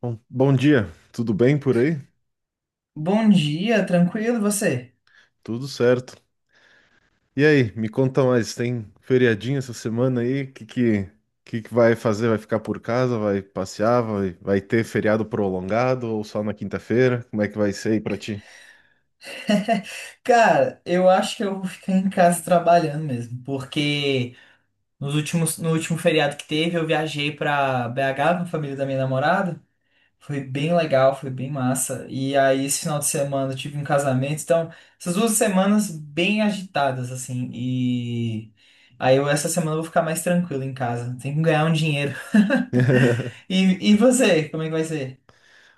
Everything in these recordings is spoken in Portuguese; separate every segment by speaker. Speaker 1: Bom dia, tudo bem por aí?
Speaker 2: Bom dia, tranquilo, e você?
Speaker 1: Tudo certo. E aí, me conta mais, tem feriadinho essa semana aí? O que que vai fazer? Vai ficar por casa? Vai passear? Vai ter feriado prolongado ou só na quinta-feira? Como é que vai ser aí pra ti?
Speaker 2: Cara, eu acho que eu vou ficar em casa trabalhando mesmo, porque no último feriado que teve, eu viajei pra BH com a família da minha namorada. Foi bem legal, foi bem massa. E aí, esse final de semana eu tive um casamento, então, essas 2 semanas bem agitadas, assim. E aí, essa semana eu vou ficar mais tranquilo em casa. Tem que ganhar um dinheiro. E você, como é que vai ser?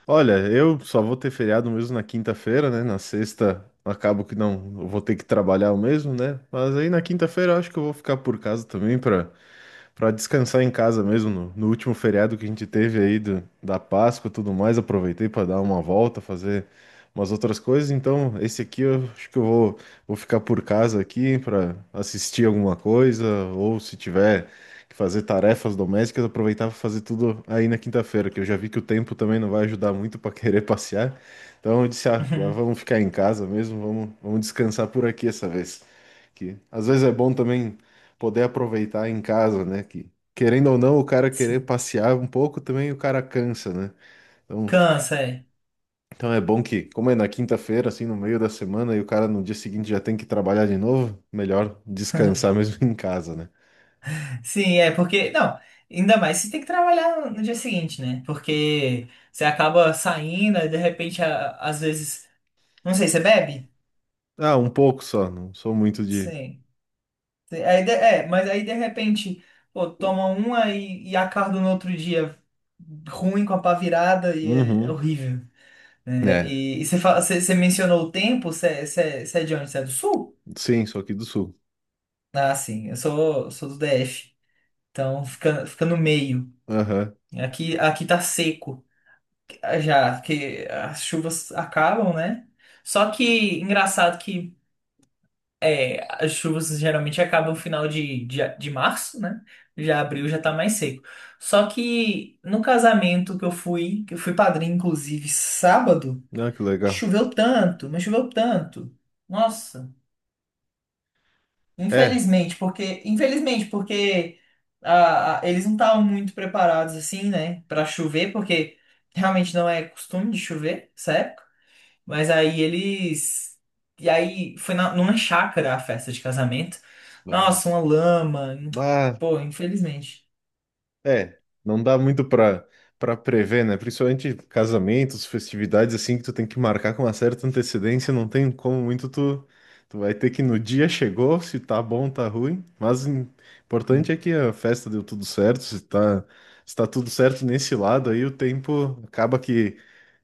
Speaker 1: Olha, eu só vou ter feriado mesmo na quinta-feira, né? Na sexta acabo que não, eu vou ter que trabalhar o mesmo, né? Mas aí na quinta-feira eu acho que eu vou ficar por casa também para descansar em casa mesmo, no último feriado que a gente teve aí da Páscoa e tudo mais, aproveitei para dar uma volta, fazer umas outras coisas. Então, esse aqui eu acho que vou ficar por casa aqui para assistir alguma coisa, ou se tiver que fazer tarefas domésticas, aproveitar para fazer tudo aí na quinta-feira, que eu já vi que o tempo também não vai ajudar muito para querer passear. Então, eu disse, ah, já vamos ficar em casa mesmo, vamos descansar por aqui essa vez. Que às vezes é bom também poder aproveitar em casa, né? Que querendo ou não, o cara querer
Speaker 2: Sim.
Speaker 1: passear um pouco também o cara cansa, né? Então,
Speaker 2: Cansa, é.
Speaker 1: então é bom que, como é na quinta-feira, assim, no meio da semana, e o cara no dia seguinte já tem que trabalhar de novo, melhor descansar mesmo em casa, né?
Speaker 2: Sim, é porque. Não, ainda mais você tem que trabalhar no dia seguinte, né? Porque você acaba saindo, aí de repente, às vezes. Não sei, você bebe?
Speaker 1: Ah, um pouco só, não sou muito de.
Speaker 2: Sim. Mas aí de repente, pô, toma uma e acorda no outro dia ruim com a pá virada e é
Speaker 1: Uhum.
Speaker 2: horrível. Né?
Speaker 1: É,
Speaker 2: E você, fala, você mencionou o tempo, você é de onde? Você é do sul?
Speaker 1: sim, sou aqui do sul.
Speaker 2: Ah, sim, eu sou do DF. Então fica no meio.
Speaker 1: Aham.
Speaker 2: Aqui tá seco. Já que as chuvas acabam, né? Só que engraçado que as chuvas geralmente acabam no final de março, né? Já abril já tá mais seco. Só que no casamento que eu fui padrinho, inclusive, sábado,
Speaker 1: Ah, que legal.
Speaker 2: choveu tanto, mas choveu tanto. Nossa,
Speaker 1: É.
Speaker 2: infelizmente, porque eles não estavam muito preparados assim, né, pra chover, porque realmente não é costume de chover, certo? Mas aí eles. E aí foi numa chácara a festa de casamento. Nossa, uma lama.
Speaker 1: Ah,
Speaker 2: Pô, infelizmente.
Speaker 1: é, não dá muito pra para prever, né? Principalmente casamentos, festividades assim que tu tem que marcar com uma certa antecedência, não tem como muito tu vai ter que no dia chegou, se tá bom, tá ruim, mas o importante é que a festa deu tudo certo, se se tá tudo certo nesse lado aí, o tempo acaba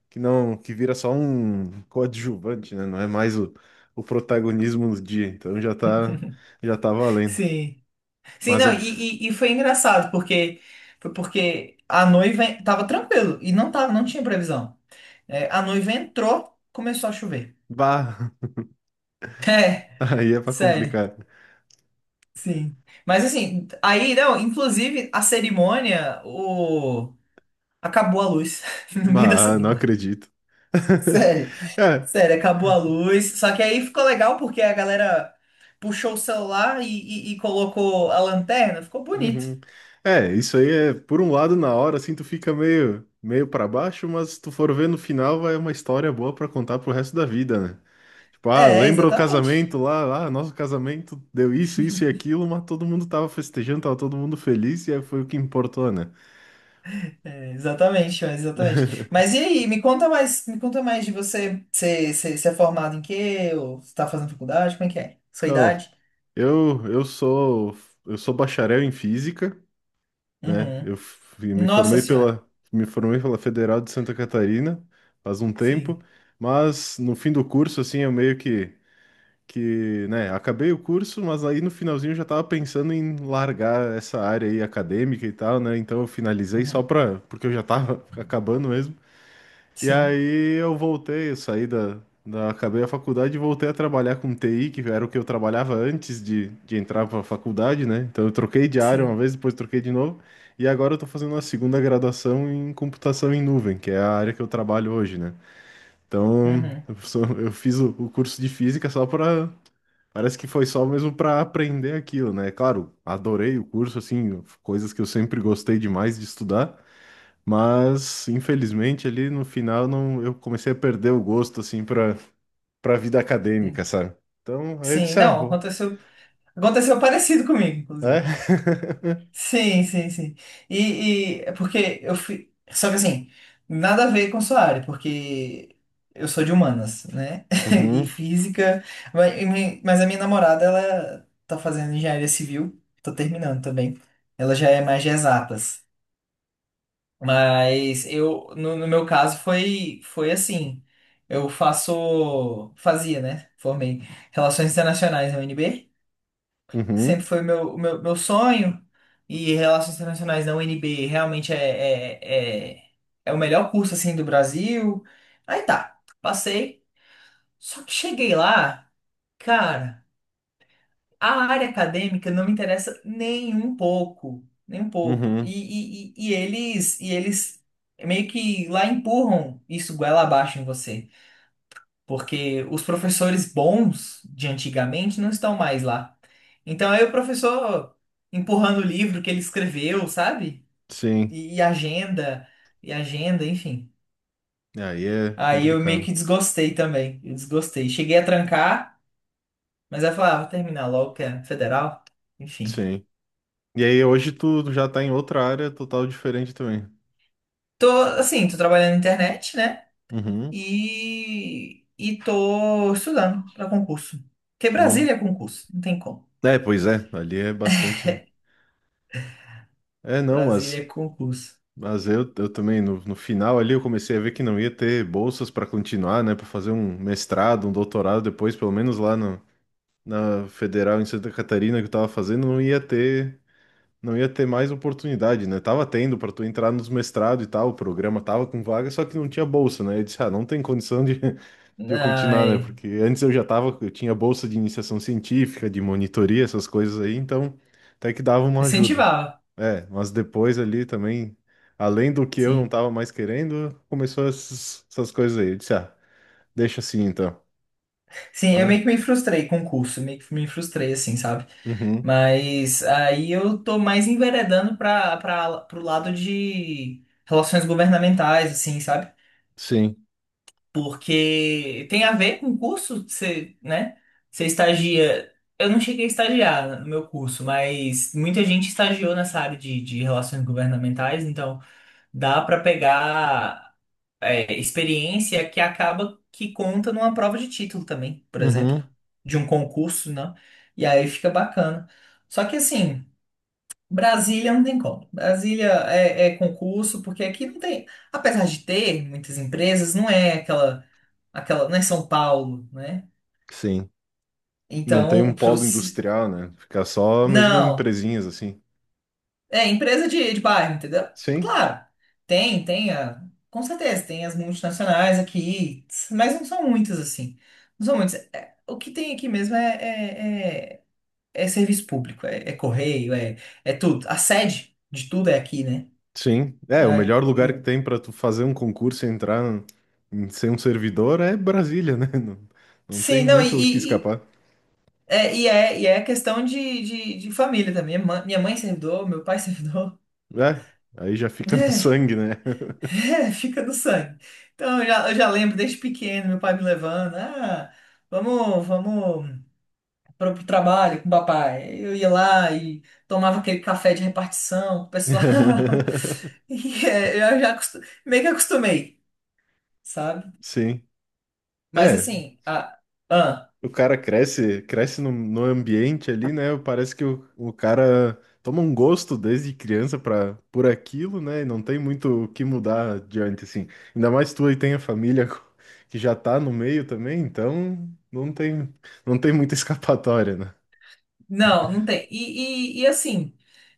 Speaker 1: que não que vira só um coadjuvante, né? Não é mais o protagonismo do dia, então já tá valendo.
Speaker 2: Sim. Sim,
Speaker 1: Mas
Speaker 2: não,
Speaker 1: a-
Speaker 2: e foi engraçado, porque a noiva tava tranquilo e não tava, não tinha previsão. É, a noiva entrou, começou a chover.
Speaker 1: bah,
Speaker 2: É,
Speaker 1: aí é pra
Speaker 2: sério.
Speaker 1: complicar.
Speaker 2: Sim. Mas assim, aí não, inclusive a cerimônia, o acabou a luz no meio da
Speaker 1: Bah, não
Speaker 2: cerimônia.
Speaker 1: acredito.
Speaker 2: Sério,
Speaker 1: É,
Speaker 2: sério, acabou a luz. Só que aí ficou legal porque a galera puxou o celular e colocou a lanterna, ficou bonito.
Speaker 1: uhum. É, isso aí é, por um lado, na hora, assim, tu fica meio para baixo, mas se tu for ver no final, vai uma história boa pra contar pro resto da vida, né? Tipo, ah,
Speaker 2: É,
Speaker 1: lembra o
Speaker 2: exatamente.
Speaker 1: casamento lá, ah, nosso casamento deu isso, isso e aquilo, mas todo mundo tava festejando, tava todo mundo feliz e aí foi o que importou, né?
Speaker 2: É, exatamente, é, exatamente. Mas e aí, me conta mais de você. Você é formado em quê? Ou você tá fazendo faculdade? Como é que é? Sua
Speaker 1: Ó,
Speaker 2: idade?
Speaker 1: eu, eu sou, eu sou bacharel em física. Né?
Speaker 2: Uhum. Nossa senhora.
Speaker 1: Me formei pela Federal de Santa Catarina faz um tempo,
Speaker 2: Sim.
Speaker 1: mas no fim do curso, assim, eu meio que, né, acabei o curso, mas aí no finalzinho eu já tava pensando em largar essa área aí acadêmica e tal, né? Então eu finalizei só
Speaker 2: Uhum.
Speaker 1: pra, porque eu já tava acabando mesmo. E
Speaker 2: Sim,
Speaker 1: aí eu saí da acabei a faculdade e voltei a trabalhar com TI, que era o que eu trabalhava antes de entrar para a faculdade, né? Então eu troquei de área uma
Speaker 2: sim.
Speaker 1: vez, depois troquei de novo, e agora eu tô fazendo a segunda graduação em computação em nuvem, que é a área que eu trabalho hoje, né?
Speaker 2: Uhum.
Speaker 1: Eu fiz o curso de física só para parece que foi só mesmo para aprender aquilo, né? Claro, adorei o curso, assim, coisas que eu sempre gostei demais de estudar, mas, infelizmente, ali no final não, eu comecei a perder o gosto, assim, para vida acadêmica,
Speaker 2: Sim.
Speaker 1: sabe? Então, aí eu
Speaker 2: Sim,
Speaker 1: disse,
Speaker 2: não, aconteceu parecido comigo,
Speaker 1: é?
Speaker 2: inclusive. Sim, sim, sim. E é porque eu fui. Só que assim, nada a ver com sua área, porque eu sou de humanas, né? E
Speaker 1: Uhum,
Speaker 2: física. Mas a minha namorada, ela tá fazendo engenharia civil, tô terminando também. Ela já é mais de exatas. Mas eu, no meu caso, foi assim. Eu faço. Fazia, né? Formei Relações Internacionais na UNB, sempre
Speaker 1: uhum,
Speaker 2: foi o meu sonho, e Relações Internacionais da UNB realmente é o melhor curso assim do Brasil. Aí tá, passei, só que cheguei lá, cara, a área acadêmica não me interessa nem um pouco, nem um pouco.
Speaker 1: uhum,
Speaker 2: E eles meio que lá empurram isso goela abaixo em você, porque os professores bons de antigamente não estão mais lá. Então aí o professor empurrando o livro que ele escreveu, sabe?
Speaker 1: sim.
Speaker 2: E, e agenda, e agenda, enfim.
Speaker 1: Aí é
Speaker 2: Aí eu meio
Speaker 1: complicado,
Speaker 2: que desgostei também. Eu desgostei. Cheguei a trancar, mas aí eu falei, ah, vou terminar logo, que é federal. Enfim.
Speaker 1: sim. E aí hoje tu já tá em outra área total diferente também.
Speaker 2: Tô, assim, tô trabalhando na internet, né?
Speaker 1: Uhum,
Speaker 2: E tô estudando pra concurso. Porque
Speaker 1: uhum.
Speaker 2: Brasília é concurso, não tem como.
Speaker 1: É, pois é, ali é bastante... É, não,
Speaker 2: Brasília é
Speaker 1: mas...
Speaker 2: concurso.
Speaker 1: Mas eu também, no final ali, eu comecei a ver que não ia ter bolsas para continuar, né? Para fazer um mestrado, um doutorado depois, pelo menos lá no, na Federal em Santa Catarina que eu tava fazendo, não ia ter, não ia ter mais oportunidade, né? Tava tendo para tu entrar nos mestrados e tal, o programa tava com vaga, só que não tinha bolsa, né? Eu disse, ah, não tem condição de eu continuar, né?
Speaker 2: Ai,
Speaker 1: Porque antes eu já tava, eu tinha bolsa de iniciação científica, de monitoria, essas coisas aí, então até que dava uma ajuda.
Speaker 2: incentivava,
Speaker 1: É, mas depois ali também, além do que eu não
Speaker 2: sim.
Speaker 1: tava mais querendo, começou essas coisas aí. Eu disse, ah, deixa assim então.
Speaker 2: Sim, eu
Speaker 1: Ah,
Speaker 2: meio que me frustrei com o curso, meio que me frustrei, assim, sabe?
Speaker 1: uhum,
Speaker 2: Mas aí eu tô mais enveredando para para pro lado de relações governamentais, assim, sabe?
Speaker 1: sim,
Speaker 2: Porque tem a ver com o curso, você, né? Você estagia. Eu não cheguei a estagiar no meu curso, mas muita gente estagiou nessa área de relações governamentais, então dá para pegar experiência, que acaba que conta numa prova de título também, por exemplo,
Speaker 1: uhum,
Speaker 2: de um concurso, né? E aí fica bacana. Só que assim, Brasília não tem como. Brasília é concurso, porque aqui não tem, apesar de ter muitas empresas, não é aquela, não é São Paulo, né?
Speaker 1: sim. Não tem um
Speaker 2: Então,
Speaker 1: polo industrial, né? Fica só mesmo
Speaker 2: não.
Speaker 1: empresinhas assim.
Speaker 2: É, empresa de bairro, entendeu?
Speaker 1: Sim,
Speaker 2: Claro, tem, tem, a, com certeza, tem as multinacionais aqui, mas não são muitas, assim. Não são muitas. É, o que tem aqui mesmo é serviço público, é correio, é tudo. A sede de tudo é aqui, né?
Speaker 1: sim. É, o
Speaker 2: É,
Speaker 1: melhor lugar que
Speaker 2: e-
Speaker 1: tem para tu fazer um concurso e entrar em ser um servidor é Brasília, né? Não, não tem
Speaker 2: sim, não, e,
Speaker 1: muito o que
Speaker 2: e, e-
Speaker 1: escapar.
Speaker 2: é, e é, e é questão de família também. Minha mãe é servidor, meu pai é servidor.
Speaker 1: É, aí já fica no sangue, né?
Speaker 2: É, fica no sangue. Então, eu já lembro desde pequeno, meu pai me levando. Ah, vamos, vamos para o trabalho com o papai. Eu ia lá e tomava aquele café de repartição com o pessoal. E é, eu já acostu- meio que acostumei, sabe?
Speaker 1: Sim.
Speaker 2: Mas
Speaker 1: É,
Speaker 2: assim, ah,
Speaker 1: o cara cresce, cresce no ambiente ali, né? Parece que o cara toma um gosto desde criança para por aquilo, né? E não tem muito o que mudar adiante, assim. Ainda mais tu aí tem a família que já tá no meio também, então não tem, não tem muita escapatória, né?
Speaker 2: não, não tem. E assim.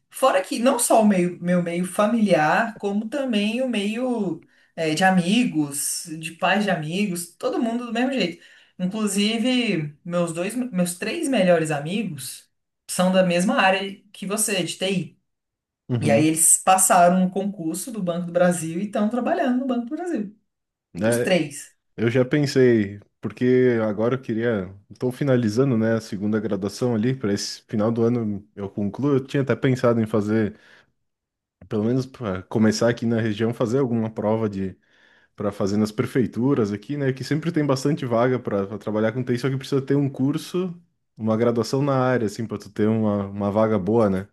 Speaker 2: Fora que não só meu meio familiar, como também o meio de amigos, de pais de amigos, todo mundo do mesmo jeito. Inclusive, meus dois, meus três melhores amigos são da mesma área que você, de TI. E aí
Speaker 1: Uhum.
Speaker 2: eles passaram o concurso do Banco do Brasil e estão trabalhando no Banco do Brasil. Os
Speaker 1: É,
Speaker 2: três.
Speaker 1: eu já pensei, porque agora eu queria. Estou finalizando, né, a segunda graduação ali, para esse final do ano eu concluo. Eu tinha até pensado em fazer pelo menos para começar aqui na região, fazer alguma prova de para fazer nas prefeituras aqui, né? Que sempre tem bastante vaga para trabalhar com TI, só que precisa ter um curso, uma graduação na área, assim, para tu ter uma vaga boa, né?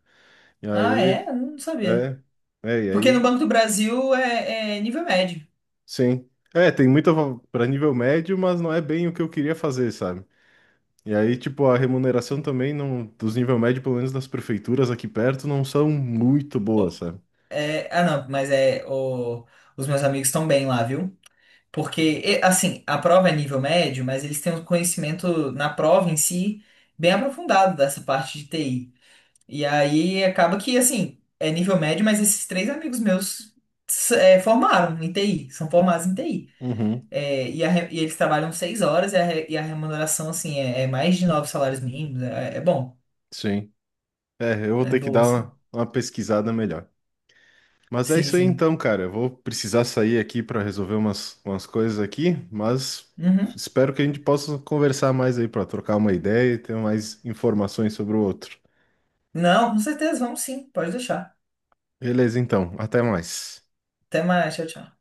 Speaker 1: E
Speaker 2: Ah,
Speaker 1: aí,
Speaker 2: é? Eu não sabia.
Speaker 1: é, e
Speaker 2: Porque no
Speaker 1: aí,
Speaker 2: Banco do Brasil é nível médio.
Speaker 1: sim. É, tem muita para nível médio, mas não é bem o que eu queria fazer, sabe? E aí, tipo, a remuneração
Speaker 2: Sim.
Speaker 1: também não, dos nível médio, pelo menos nas prefeituras aqui perto, não são muito boas, sabe?
Speaker 2: É, ah, não, mas os meus amigos estão bem lá, viu? Porque, assim, a prova é nível médio, mas eles têm um conhecimento na prova em si bem aprofundado dessa parte de TI. E aí acaba que, assim, é nível médio, mas esses três amigos meus formaram em TI, são formados em TI.
Speaker 1: Uhum,
Speaker 2: É, e eles trabalham 6 horas e a remuneração, assim, é mais de 9 salários mínimos. É, é bom,
Speaker 1: sim. É, eu vou
Speaker 2: é
Speaker 1: ter que
Speaker 2: boa,
Speaker 1: dar
Speaker 2: assim.
Speaker 1: uma pesquisada melhor. Mas é
Speaker 2: Sim,
Speaker 1: isso aí
Speaker 2: sim.
Speaker 1: então, cara. Eu vou precisar sair aqui para resolver umas coisas aqui, mas
Speaker 2: Uhum.
Speaker 1: espero que a gente possa conversar mais aí para trocar uma ideia e ter mais informações sobre o outro.
Speaker 2: Não, com certeza, vamos sim, pode deixar.
Speaker 1: Beleza, então. Até mais.
Speaker 2: Até mais, tchau, tchau.